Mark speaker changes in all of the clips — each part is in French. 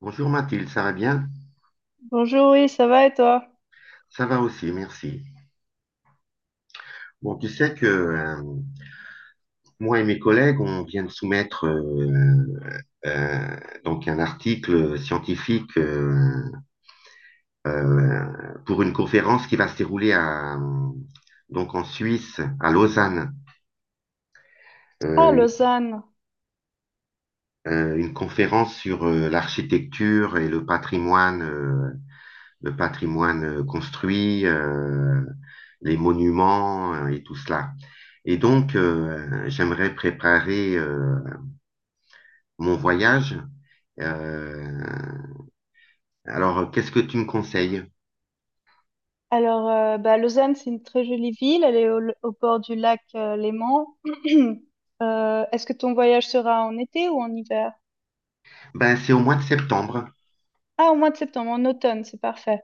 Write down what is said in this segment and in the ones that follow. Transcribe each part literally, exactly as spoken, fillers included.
Speaker 1: Bonjour Mathilde, ça va bien?
Speaker 2: Bonjour, oui, ça va et toi?
Speaker 1: Ça va aussi, merci. Bon, tu sais que euh, moi et mes collègues, on vient de soumettre euh, euh, donc un article scientifique euh, euh, pour une conférence qui va se dérouler à, donc en Suisse, à Lausanne,
Speaker 2: Ah,
Speaker 1: euh, une,
Speaker 2: Lausanne.
Speaker 1: euh, une conférence sur euh, l'architecture et le patrimoine. Euh, le patrimoine euh, construit, euh, les monuments euh, et tout cela. Et donc, euh, j'aimerais préparer euh, mon voyage. Euh, alors, qu'est-ce que tu me conseilles?
Speaker 2: Alors, euh, bah, Lausanne, c'est une très jolie ville. Elle est au, au bord du lac euh, Léman. Euh, est-ce que ton voyage sera en été ou en hiver?
Speaker 1: Ben, c'est au mois de septembre.
Speaker 2: Ah, au mois de septembre, en automne, c'est parfait.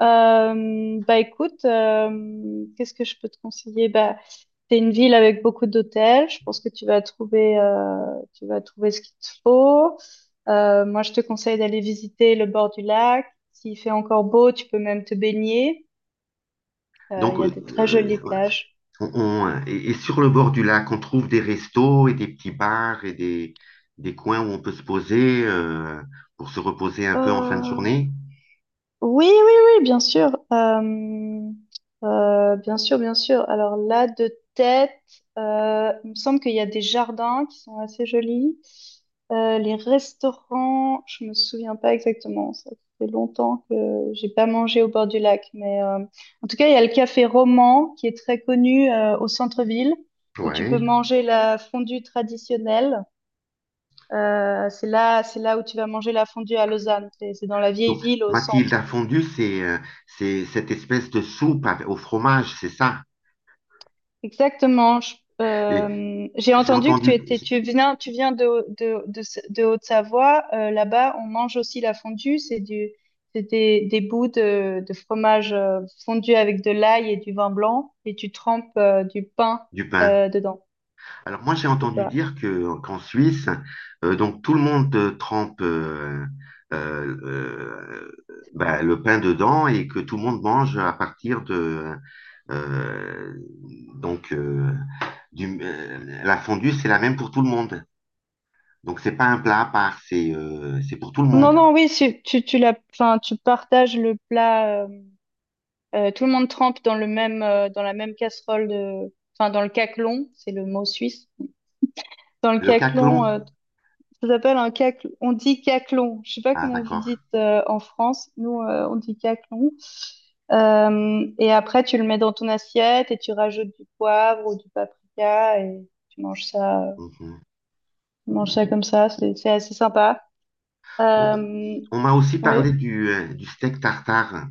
Speaker 2: Euh, bah écoute, euh, qu'est-ce que je peux te conseiller? Bah, c'est une ville avec beaucoup d'hôtels. Je pense que tu vas trouver, euh, tu vas trouver ce qu'il te faut. Euh, moi, je te conseille d'aller visiter le bord du lac. S'il fait encore beau, tu peux même te baigner. Euh,
Speaker 1: Donc,
Speaker 2: Il y a
Speaker 1: euh,
Speaker 2: de très
Speaker 1: euh,
Speaker 2: jolies plages.
Speaker 1: on, on- et, et sur le bord du lac, on trouve des restos et des petits bars et des, des coins où on peut se poser euh, pour se reposer un peu en fin de
Speaker 2: Euh,
Speaker 1: journée.
Speaker 2: oui, oui, oui, bien sûr. Euh, euh, bien sûr, bien sûr. Alors là, de tête, euh, il me semble qu'il y a des jardins qui sont assez jolis. Euh, les restaurants, je me souviens pas exactement. Ça fait longtemps que j'ai pas mangé au bord du lac, mais euh, en tout cas, il y a le café Roman qui est très connu euh, au centre-ville où tu peux
Speaker 1: Ouais.
Speaker 2: manger la fondue traditionnelle. Euh, c'est là, c'est là où tu vas manger la fondue à Lausanne. C'est c'est dans la vieille
Speaker 1: Donc,
Speaker 2: ville au centre.
Speaker 1: Mathilda fondue, c'est euh, c'est cette espèce de soupe avec- au fromage, c'est ça.
Speaker 2: Exactement. Je-
Speaker 1: Et
Speaker 2: euh, j'ai
Speaker 1: j'ai
Speaker 2: entendu que tu
Speaker 1: entendu
Speaker 2: étais, tu viens, tu viens de, de, de, de Haute-Savoie. Euh, là-bas, on mange aussi la fondue. C'est du, c'est des, des bouts de, de fromage euh, fondu avec de l'ail et du vin blanc, et tu trempes euh, du pain
Speaker 1: du pain.
Speaker 2: euh, dedans.
Speaker 1: Alors moi, j'ai
Speaker 2: C'est
Speaker 1: entendu
Speaker 2: ça.
Speaker 1: dire que qu'en Suisse, euh, donc tout le monde euh, trempe euh, euh, euh, ben, le pain dedans et que tout le monde mange à partir de euh, donc euh, du- euh, la fondue, c'est la même pour tout le monde. Donc c'est pas un plat à part, c'est euh, c'est pour tout le
Speaker 2: Non,
Speaker 1: monde.
Speaker 2: non, oui, c'est- tu, tu la, enfin, tu partages le plat. Euh, Euh, tout le monde trempe dans le même, euh, dans la même casserole de, enfin, dans le caclon, c'est le mot suisse. Dans le
Speaker 1: Le
Speaker 2: caclon,
Speaker 1: caclon.
Speaker 2: euh, ça s'appelle un caclon. On dit caclon. Je sais pas
Speaker 1: Ah
Speaker 2: comment vous dites
Speaker 1: d'accord.
Speaker 2: euh, en France. Nous, euh, on dit caclon. Euh, et après, tu le mets dans ton assiette et tu rajoutes du poivre ou du paprika et tu manges ça, euh,
Speaker 1: Mhm.
Speaker 2: tu manges ça comme ça. C'est, c'est assez sympa.
Speaker 1: Bon,
Speaker 2: Euh,
Speaker 1: on m'a aussi
Speaker 2: oui.
Speaker 1: parlé du, euh, du steak tartare.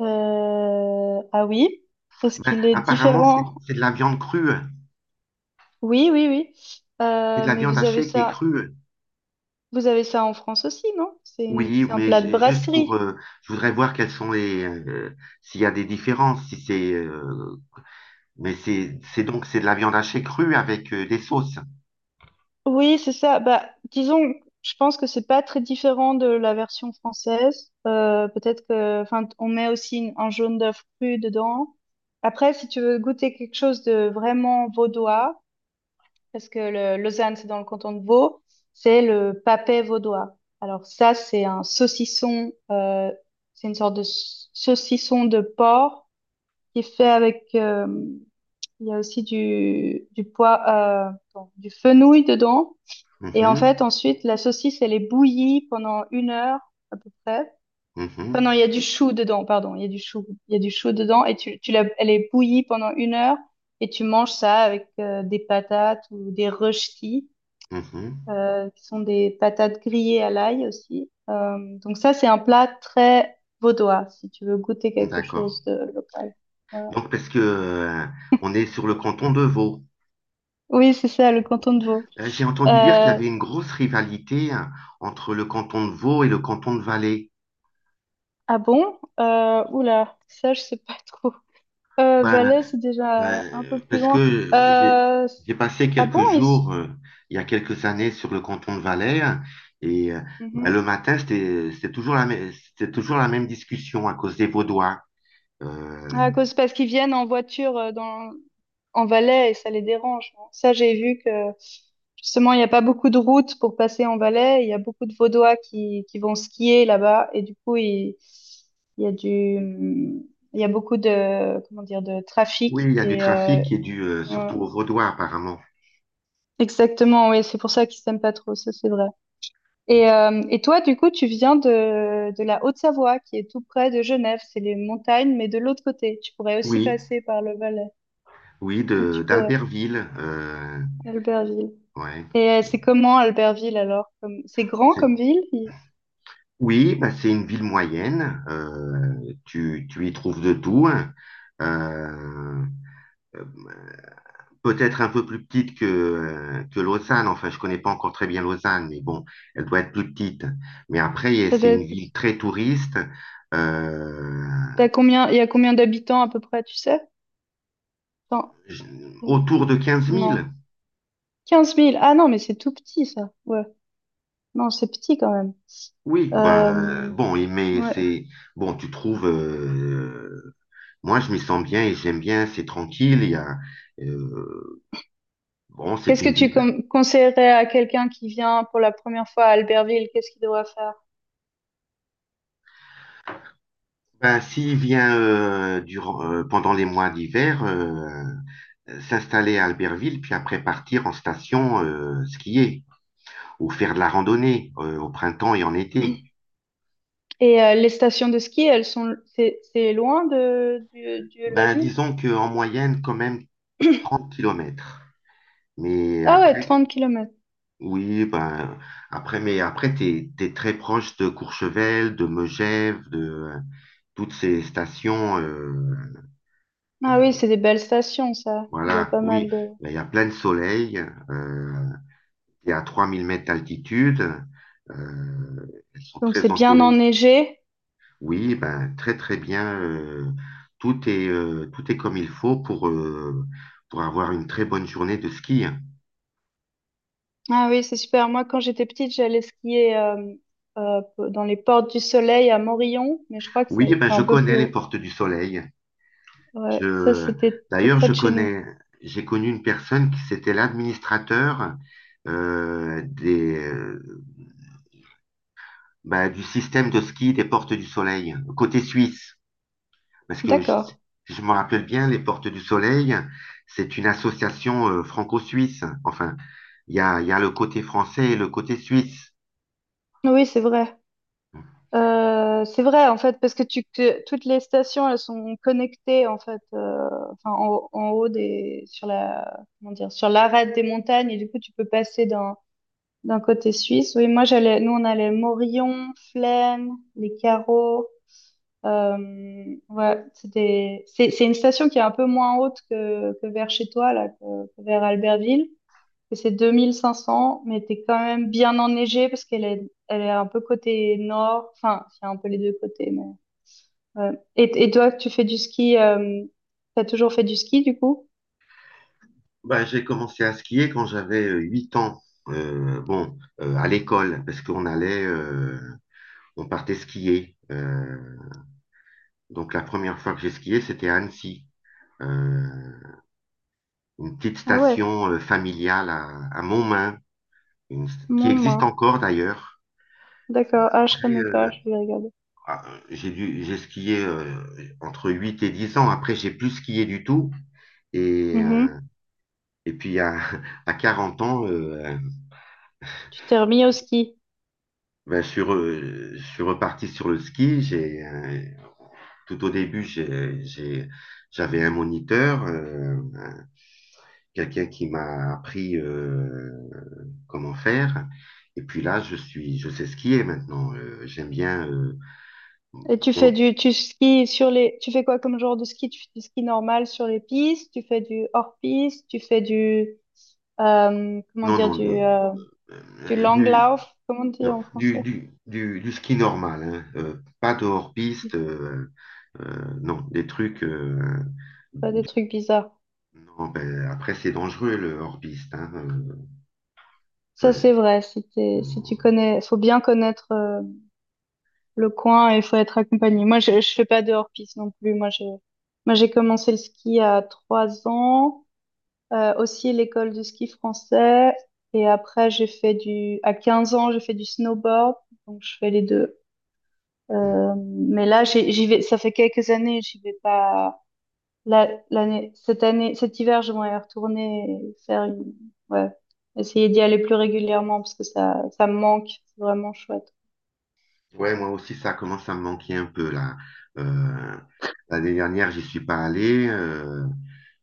Speaker 2: Euh, ah oui. Est-ce
Speaker 1: Ben,
Speaker 2: qu'il est
Speaker 1: apparemment, c'est
Speaker 2: différent?
Speaker 1: c'est de la viande crue.
Speaker 2: Oui, oui, oui.
Speaker 1: C'est de
Speaker 2: Euh,
Speaker 1: la
Speaker 2: mais
Speaker 1: viande
Speaker 2: vous avez
Speaker 1: hachée qui est
Speaker 2: ça,
Speaker 1: crue.
Speaker 2: vous avez ça en France aussi, non? C'est une-
Speaker 1: Oui,
Speaker 2: c'est un
Speaker 1: mais
Speaker 2: plat de
Speaker 1: j- juste pour...
Speaker 2: brasserie.
Speaker 1: euh, je voudrais voir quelles sont les... euh, s'il y a des différences, si c'est... euh, mais c'est c'est donc c'est de la viande hachée crue avec euh, des sauces.
Speaker 2: Oui, c'est ça. Bah, disons, je pense que c'est pas très différent de la version française. Euh, peut-être que, enfin, on met aussi une- un jaune d'œuf cru dedans. Après, si tu veux goûter quelque chose de vraiment vaudois, parce que le, Lausanne, c'est dans le canton de Vaud, c'est le papet vaudois. Alors ça, c'est un saucisson. Euh, c'est une sorte de s- saucisson de porc qui est fait avec, euh, il y a aussi du, du pois, euh, bon, du fenouil dedans. Et en fait,
Speaker 1: Mhm,
Speaker 2: ensuite, la saucisse, elle est bouillie pendant une heure à peu près. Enfin, non,
Speaker 1: mhm,
Speaker 2: il y a du chou dedans, pardon, il y a du chou, il y a du chou dedans et tu, tu la, elle est bouillie pendant une heure et tu manges ça avec euh, des patates ou des rösti,
Speaker 1: mhm.
Speaker 2: euh, qui sont des patates grillées à l'ail aussi. Euh, donc ça, c'est un plat très vaudois si tu veux goûter quelque
Speaker 1: D'accord.
Speaker 2: chose de local. Voilà.
Speaker 1: Donc, parce que, euh, on est sur le canton de Vaud.
Speaker 2: Oui, c'est ça, le canton de Vaud.
Speaker 1: Euh, j'ai entendu dire qu'il y
Speaker 2: Euh,
Speaker 1: avait une grosse rivalité, hein, entre le canton de Vaud et le canton de Valais.
Speaker 2: ah bon? Euh, oula, ça, je sais pas trop. Euh,
Speaker 1: Ben,
Speaker 2: Valais, c'est déjà
Speaker 1: ben,
Speaker 2: un peu
Speaker 1: euh,
Speaker 2: plus
Speaker 1: parce
Speaker 2: loin.
Speaker 1: que j'ai
Speaker 2: Euh,
Speaker 1: j'ai passé
Speaker 2: ah bon,
Speaker 1: quelques
Speaker 2: ils...
Speaker 1: jours, euh, il y a quelques années, sur le canton de Valais, hein, et euh, ben,
Speaker 2: Mhm.
Speaker 1: le matin, c'était c'était toujours la même, c'était toujours la même discussion à cause des Vaudois.
Speaker 2: Ah,
Speaker 1: Euh,
Speaker 2: à cause, parce qu'ils viennent en voiture euh, dans, en Valais et ça les dérange, hein. Ça, j'ai vu que justement, il n'y a pas beaucoup de routes pour passer en Valais. Il y a beaucoup de Vaudois qui, qui vont skier là-bas et du coup, il, il y a du, il y a beaucoup de, comment dire, de
Speaker 1: oui,
Speaker 2: trafic
Speaker 1: il y a du
Speaker 2: et euh,
Speaker 1: trafic qui est dû euh, surtout aux Vaudois, apparemment.
Speaker 2: exactement, oui, c'est pour ça qu'ils s'aiment pas trop, ça c'est vrai. Et, euh, et toi, du coup, tu viens de, de la Haute-Savoie, qui est tout près de Genève, c'est les montagnes, mais de l'autre côté. Tu pourrais aussi
Speaker 1: Oui,
Speaker 2: passer par le Valais.
Speaker 1: oui, de
Speaker 2: Tu pourrais,
Speaker 1: d'Albertville. Euh,
Speaker 2: Albertville.
Speaker 1: ouais.
Speaker 2: Et euh, c'est comment Albertville alors? Comme... C'est grand comme
Speaker 1: C'est-
Speaker 2: ville? Il-
Speaker 1: Oui, bah, c'est une ville moyenne. euh, tu, tu y trouves de tout, hein. Euh, euh, Peut-être un peu plus petite que, euh, que Lausanne. Enfin, je connais pas encore très bien Lausanne, mais bon, elle doit être plus petite. Mais après, eh,
Speaker 2: Ça
Speaker 1: c'est
Speaker 2: doit
Speaker 1: une ville
Speaker 2: être-
Speaker 1: très touriste. euh,
Speaker 2: T'as combien... Il y a combien d'habitants à peu près, tu sais? Non.
Speaker 1: je- Autour de 15
Speaker 2: Non.
Speaker 1: 000.
Speaker 2: quinze mille. Ah non, mais c'est tout petit ça. Ouais. Non, c'est petit quand même.
Speaker 1: Oui, ben,
Speaker 2: Euh,
Speaker 1: bon, et- mais
Speaker 2: ouais,
Speaker 1: c'est bon, tu trouves. Euh, moi, je m'y sens bien et j'aime bien. C'est tranquille. Il y a, euh, bon, c'est
Speaker 2: qu'est-ce que
Speaker 1: une
Speaker 2: tu
Speaker 1: ville.
Speaker 2: com- conseillerais à quelqu'un qui vient pour la première fois à Albertville? Qu'est-ce qu'il doit faire?
Speaker 1: Ben, s'il vient euh, durant, euh, pendant les mois d'hiver, euh, euh, s'installer à Albertville, puis après partir en station euh, skier ou faire de la randonnée euh, au printemps et en été.
Speaker 2: Et euh, les stations de ski, elles sont, c'est c'est loin de, du- de la
Speaker 1: Ben,
Speaker 2: ville?
Speaker 1: disons qu'en moyenne, quand même trente kilomètres. Mais
Speaker 2: Ah ouais,
Speaker 1: après,
Speaker 2: trente kilomètres.
Speaker 1: oui, ben, après, mais après, t'es, t'es très proche de Courchevel, de Megève, de euh, toutes ces stations. Euh,
Speaker 2: Ah oui, c'est des belles stations, ça. Il y a
Speaker 1: voilà,
Speaker 2: pas
Speaker 1: oui.
Speaker 2: mal de...
Speaker 1: Ben, il y a plein de soleil, euh, qui est à trois mille mètres d'altitude. Euh, Elles sont
Speaker 2: Donc
Speaker 1: très
Speaker 2: c'est bien
Speaker 1: ensoleillées.
Speaker 2: enneigé.
Speaker 1: Oui, ben, très très bien. euh, tout est, euh, tout est comme il faut pour, euh, pour avoir une très bonne journée de ski.
Speaker 2: Ah oui, c'est super. Moi, quand j'étais petite, j'allais skier euh, euh, dans les Portes du Soleil à Morillon, mais je crois que
Speaker 1: Oui,
Speaker 2: c'est
Speaker 1: ben,
Speaker 2: c'est
Speaker 1: je
Speaker 2: un peu
Speaker 1: connais
Speaker 2: plus
Speaker 1: les
Speaker 2: haut.
Speaker 1: portes du soleil.
Speaker 2: Ouais, ça,
Speaker 1: Je,
Speaker 2: c'était tout
Speaker 1: D'ailleurs,
Speaker 2: près
Speaker 1: je
Speaker 2: de chez nous.
Speaker 1: connais, j'ai connu une personne qui c'était l'administrateur euh, des, euh, ben, du système de ski des portes du soleil, côté suisse. Parce que je,
Speaker 2: D'accord.
Speaker 1: je me rappelle bien, les Portes du Soleil, c'est une association euh, franco-suisse. Enfin, il y a, il y a le côté français et le côté suisse.
Speaker 2: Oui, c'est vrai. Euh, c'est vrai en fait parce que tu que toutes les stations elles sont connectées en fait euh, enfin en, haut en haut des sur la comment dire sur l'arête des montagnes et du coup tu peux passer d'un d'un côté suisse. Oui, moi j'allais nous on allait Morillon, Flaine, les Carreaux. Euh, ouais, c'est des- c'est c'est une station qui est un peu moins haute que que vers chez toi là que, que vers Albertville que c'est deux mille cinq cents mais t'es quand même bien enneigé parce qu'elle est, elle est un peu côté nord. Enfin, il y a un peu les deux côtés, mais ouais. Et, et toi, tu fais du ski, euh, t'as toujours fait du ski du coup?
Speaker 1: Ben, j'ai commencé à skier quand j'avais euh, huit ans. Euh, bon, euh, à l'école, parce qu'on allait, euh, on partait skier. Euh, donc la première fois que j'ai skié, c'était à Annecy. Euh, une petite
Speaker 2: Ah ouais,
Speaker 1: station euh, familiale à, à Montmain, une- qui
Speaker 2: mon
Speaker 1: existe
Speaker 2: main.
Speaker 1: encore d'ailleurs.
Speaker 2: D'accord. Ah, je
Speaker 1: Après,
Speaker 2: connais
Speaker 1: euh,
Speaker 2: pas, je vais regarder.
Speaker 1: Ah, euh, j'ai dû, j'ai skié euh, entre huit et dix ans. Après, j'ai plus skié du tout. Et,
Speaker 2: Mhm.
Speaker 1: euh, et puis, à, à quarante ans, euh,
Speaker 2: Tu t'es remis au ski.
Speaker 1: ben, je suis re- je suis reparti sur le ski. J'ai, euh, tout au début, j'ai, j'ai- j'avais un moniteur, euh, quelqu'un qui m'a appris euh, comment faire. Et puis là, je suis, je sais skier maintenant. Euh, j'aime bien. Euh,
Speaker 2: Et tu
Speaker 1: bon,
Speaker 2: fais du, tu skis sur les, tu fais quoi comme genre de ski? Tu fais du ski normal sur les pistes, tu fais du hors-piste, tu fais du, euh, comment
Speaker 1: non,
Speaker 2: dire,
Speaker 1: non,
Speaker 2: du,
Speaker 1: de-
Speaker 2: euh, du
Speaker 1: euh, du,
Speaker 2: langlauf, comment on dit
Speaker 1: Non,
Speaker 2: en
Speaker 1: du,
Speaker 2: français?
Speaker 1: du, du, du ski normal, hein, euh, pas de hors-piste. Euh, euh, non, des trucs. Euh,
Speaker 2: Pas des trucs bizarres.
Speaker 1: non, ben, après, c'est dangereux le hors-piste, hein. Euh,
Speaker 2: Ça,
Speaker 1: enfin,
Speaker 2: c'est vrai. Si t'es- si tu
Speaker 1: on-
Speaker 2: connais, faut bien connaître euh, le coin et faut être accompagné. Moi, je, je fais pas de hors-piste non plus. Moi, je, moi, j'ai commencé le ski à trois ans, euh, aussi l'école de ski français. Et après, j'ai fait du, à quinze ans, j'ai fait du snowboard. Donc, je fais les deux.
Speaker 1: mm.
Speaker 2: Euh, mais là, j'ai- j'y vais, ça fait quelques années, j'y vais pas la- l'année, cette année, cet hiver, je vais retourner et faire une, ouais, essayer d'y aller plus régulièrement parce que ça, ça me manque. C'est vraiment chouette.
Speaker 1: Ouais, moi aussi, ça commence à me manquer un peu là. Euh, L'année dernière, j'y suis pas allé. euh,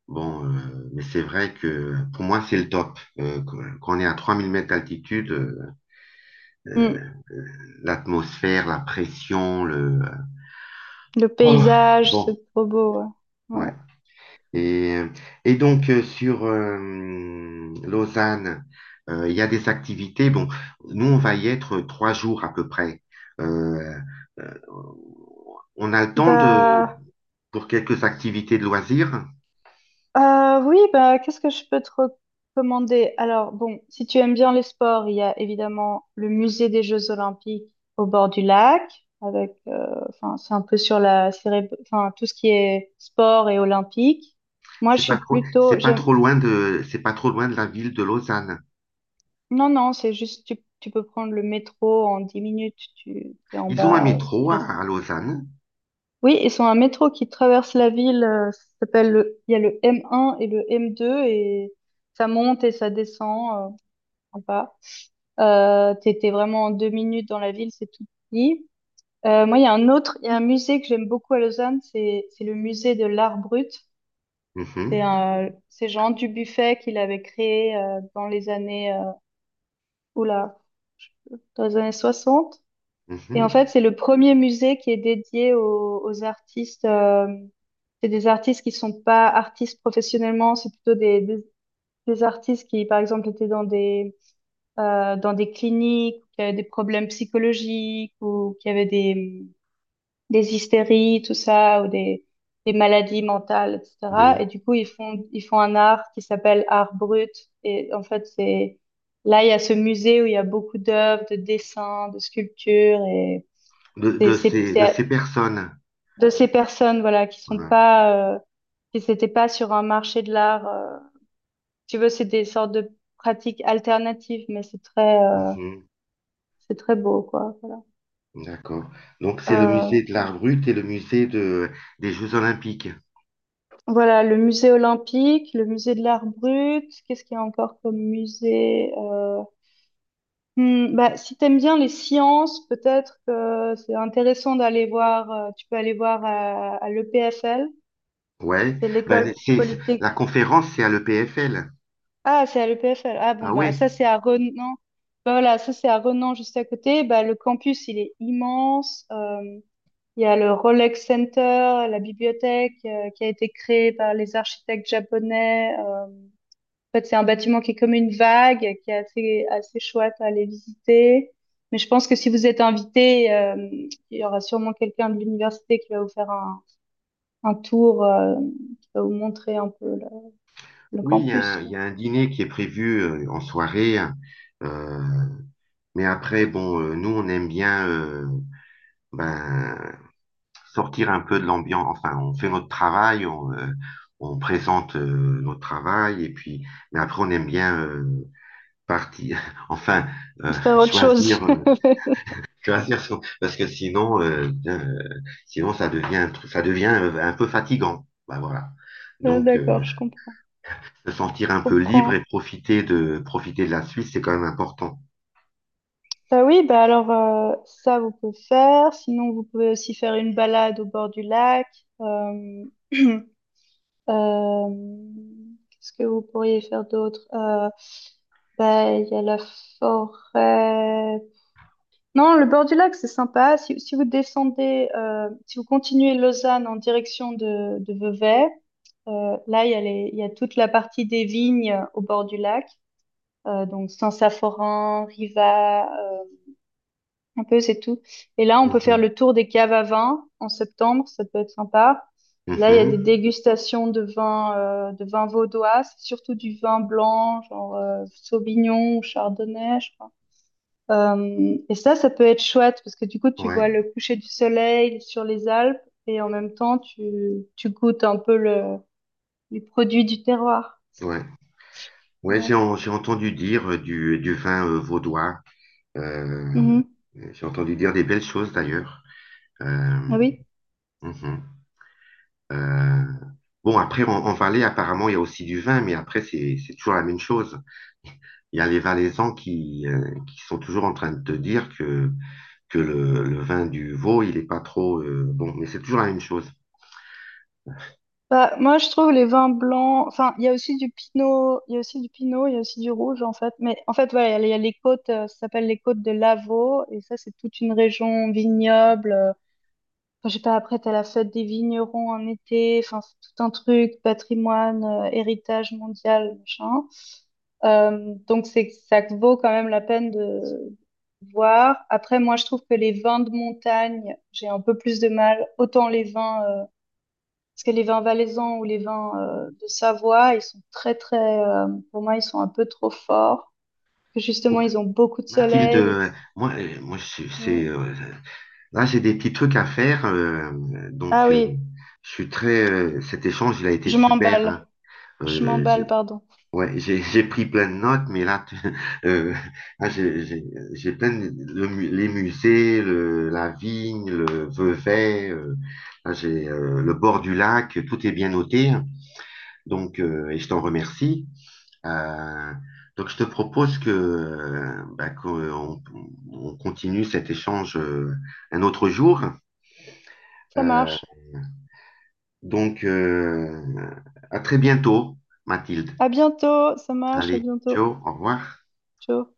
Speaker 1: Bon, euh, mais c'est vrai que pour moi, c'est le top. Euh, quand quand on est à trois mille mètres d'altitude, euh, euh,
Speaker 2: Mm.
Speaker 1: l'atmosphère, la pression, le.
Speaker 2: Le
Speaker 1: Oh,
Speaker 2: paysage,
Speaker 1: bon,
Speaker 2: c'est trop beau. Ouais.
Speaker 1: ouais.
Speaker 2: Ouais.
Speaker 1: Et, euh, et donc, euh, sur euh, Lausanne, euh, il y a des activités. Bon, nous, on va y être trois jours à peu près. Euh, euh, on a le temps de,
Speaker 2: Bah,
Speaker 1: pour quelques activités de loisirs.
Speaker 2: euh, oui, bah, qu'est-ce que je peux te recommander? Alors, bon, si tu aimes bien les sports, il y a évidemment le musée des Jeux Olympiques au bord du lac, avec, euh, enfin, c'est un peu sur la, céré- enfin, tout ce qui est sport et olympique. Moi,
Speaker 1: C'est
Speaker 2: je
Speaker 1: pas
Speaker 2: suis
Speaker 1: trop,
Speaker 2: plutôt,
Speaker 1: c'est pas
Speaker 2: j'aime-
Speaker 1: trop loin de, c'est pas trop loin de la ville de Lausanne.
Speaker 2: Non, non, c'est juste, tu, tu peux prendre le métro en dix minutes, tu es en
Speaker 1: Ils ont un
Speaker 2: bas, c'est
Speaker 1: métro à,
Speaker 2: facile.
Speaker 1: à Lausanne.
Speaker 2: Oui, ils ont un métro qui traverse la ville, euh, ça s'appelle le, il y a le M un et le M deux et ça monte et ça descend euh, en. Euh, t'es, t'es vraiment en deux minutes dans la ville, c'est tout petit. Euh, moi, il y a un autre, il y a un musée que j'aime beaucoup à Lausanne, c'est, c'est le musée de l'art brut. C'est
Speaker 1: Mhm,
Speaker 2: un, c'est Jean Dubuffet qui l'avait créé euh, dans les années, euh, oula, dans les années soixante. Et en
Speaker 1: mhm,
Speaker 2: fait, c'est le premier musée qui est dédié aux, aux artistes. Euh, c'est des artistes qui sont pas artistes professionnellement, c'est plutôt des, des, des artistes qui, par exemple, étaient dans des, euh, dans des cliniques, qui avaient des problèmes psychologiques ou qui avaient des, des hystéries, tout ça, ou des, des maladies mentales, et cetera.
Speaker 1: oui,
Speaker 2: Et du coup, ils font, ils font un art qui s'appelle art brut. Et en fait, c'est là, il y a ce musée où il y a beaucoup d'œuvres, de dessins, de sculptures et
Speaker 1: de,
Speaker 2: c'est
Speaker 1: de
Speaker 2: c'est-
Speaker 1: ces, de ces
Speaker 2: c'est
Speaker 1: personnes.
Speaker 2: de ces personnes, voilà, qui sont
Speaker 1: Voilà.
Speaker 2: pas, euh, qui s'étaient pas sur un marché de l'art. euh. Si tu veux, c'est des sortes de pratiques alternatives, mais c'est très, euh,
Speaker 1: Mhm.
Speaker 2: c'est très beau, quoi. Voilà.
Speaker 1: D'accord. Donc, c'est le
Speaker 2: Euh,
Speaker 1: musée de l'art brut et le musée de, des Jeux Olympiques.
Speaker 2: voilà, le musée olympique, le musée de l'art brut. Qu'est-ce qu'il y a encore comme musée? Euh, hmm, bah, si t'aimes bien les sciences, peut-être que c'est intéressant d'aller voir. Euh, tu peux aller voir à, à l'E P F L.
Speaker 1: Ouais.
Speaker 2: C'est
Speaker 1: Ben,
Speaker 2: l'école
Speaker 1: c'est, c'est-
Speaker 2: polytech-
Speaker 1: la conférence, c'est à l'E P F L.
Speaker 2: Ah, c'est à l'E P F L. Ah bon,
Speaker 1: Ah
Speaker 2: bah
Speaker 1: ouais.
Speaker 2: ça c'est à Renan. Bah, voilà, ça c'est à Renan juste à côté. Bah, le campus, il est immense. Euh, il y a le Rolex Center, la bibliothèque euh, qui a été créée par les architectes japonais. Euh, en fait, c'est un bâtiment qui est comme une vague, qui est assez, assez chouette à aller visiter. Mais je pense que si vous êtes invité, euh, il y aura sûrement quelqu'un de l'université qui va vous faire un, un tour, euh, qui va vous montrer un peu le, le
Speaker 1: Oui, il y a,
Speaker 2: campus,
Speaker 1: un il
Speaker 2: quoi.
Speaker 1: y a un dîner qui est prévu euh, en soirée. Euh, mais après, bon, euh, nous, on aime bien euh, ben, sortir un peu de l'ambiance. Enfin, on fait notre travail, on, euh, on présente euh, notre travail. Et puis, mais après, on aime bien euh, partir. Enfin, euh,
Speaker 2: Faire autre chose.
Speaker 1: choisir. euh, Tu vas dire, son- parce que sinon, euh, bien, euh, sinon ça devient, un truc- ça devient euh, un peu fatigant. Bah voilà.
Speaker 2: Ah,
Speaker 1: Donc, euh,
Speaker 2: d'accord, je comprends.
Speaker 1: se
Speaker 2: Je
Speaker 1: sentir un peu libre et
Speaker 2: comprends.
Speaker 1: profiter de, profiter de la Suisse, c'est quand même important.
Speaker 2: Bah oui, bah alors euh, ça vous pouvez faire. Sinon, vous pouvez aussi faire une balade au bord du lac. Euh, euh, Qu'est-ce que vous pourriez faire d'autre? Euh, bah il y a la forêt. Non, le bord du lac c'est sympa. Si, si vous descendez, euh, si vous continuez Lausanne en direction de, de Vevey, euh, là il y a les, il y a toute la partie des vignes au bord du lac. Euh, donc Saint-Saphorin, Riva, euh, un peu c'est tout. Et là, on peut faire
Speaker 1: Mhm.
Speaker 2: le tour des caves à vin en septembre, ça peut être sympa. Là, il y a des
Speaker 1: Mhm.
Speaker 2: dégustations de vins euh, de vins vaudois, c'est surtout du vin blanc, genre euh, Sauvignon ou Chardonnay, je crois. Euh, et ça, ça peut être chouette parce que du coup, tu
Speaker 1: Ouais,
Speaker 2: vois le coucher du soleil sur les Alpes et en même temps, tu, tu goûtes un peu le, les produits du terroir.
Speaker 1: ouais. Ouais,
Speaker 2: Ouais.
Speaker 1: j'ai en- j'ai entendu dire euh, du, du vin euh, vaudois. Euh,
Speaker 2: Mhm.
Speaker 1: j'ai entendu dire des belles choses d'ailleurs. Euh,
Speaker 2: Ah oui.
Speaker 1: mhm. Euh, bon, après, en, en Valais, apparemment, il y a aussi du vin, mais après, c'est, c'est toujours la même chose. Il y a les Valaisans qui, euh, qui sont toujours en train de te dire que, que le, le vin du Vaud, il n'est pas trop euh, bon, mais c'est toujours la même chose.
Speaker 2: Bah, moi, je trouve les vins blancs. Enfin, il y a aussi du pinot, il y a aussi du pinot, il y a aussi du rouge, en fait. Mais en fait, voilà, il y, a il y a les côtes, euh, ça s'appelle les côtes de l'Avaux. Et ça, c'est toute une région vignoble. euh, Enfin, je sais pas, après, t'as la fête des vignerons en été. Enfin, c'est tout un truc, patrimoine, euh, héritage mondial, machin. Euh, donc, c'est, ça vaut quand même la peine de voir. Après, moi, je trouve que les vins de montagne, j'ai un peu plus de mal. Autant les vins. Euh, parce que les vins valaisans ou les vins euh, de Savoie, ils sont très, très, euh, pour moi, ils sont un peu trop forts. Que
Speaker 1: Bon,
Speaker 2: justement, ils ont beaucoup de
Speaker 1: Mathilde,
Speaker 2: soleil. Et puis-
Speaker 1: euh, moi, euh, moi je-
Speaker 2: ouais.
Speaker 1: c'est, euh, là, j'ai des petits trucs à faire, euh,
Speaker 2: Ah
Speaker 1: donc euh,
Speaker 2: oui,
Speaker 1: je suis très. Euh, cet échange, il a été
Speaker 2: je
Speaker 1: super,
Speaker 2: m'emballe.
Speaker 1: hein.
Speaker 2: Je
Speaker 1: Euh,
Speaker 2: m'emballe, pardon.
Speaker 1: Ouais, j'ai j'ai pris plein de notes, mais là, tu- euh, là, j'ai j'ai- j'ai plein de le mu- les musées, le, la vigne, le Vevey, euh, là, j'ai euh, le bord du lac, tout est bien noté, donc euh, et je t'en remercie. Euh, donc je te propose que euh, bah, qu'on on continue cet échange euh, un autre jour.
Speaker 2: Ça
Speaker 1: Euh,
Speaker 2: marche.
Speaker 1: donc, euh, à très bientôt, Mathilde.
Speaker 2: À bientôt. Ça marche. À
Speaker 1: Allez,
Speaker 2: bientôt.
Speaker 1: ciao, au revoir.
Speaker 2: Ciao.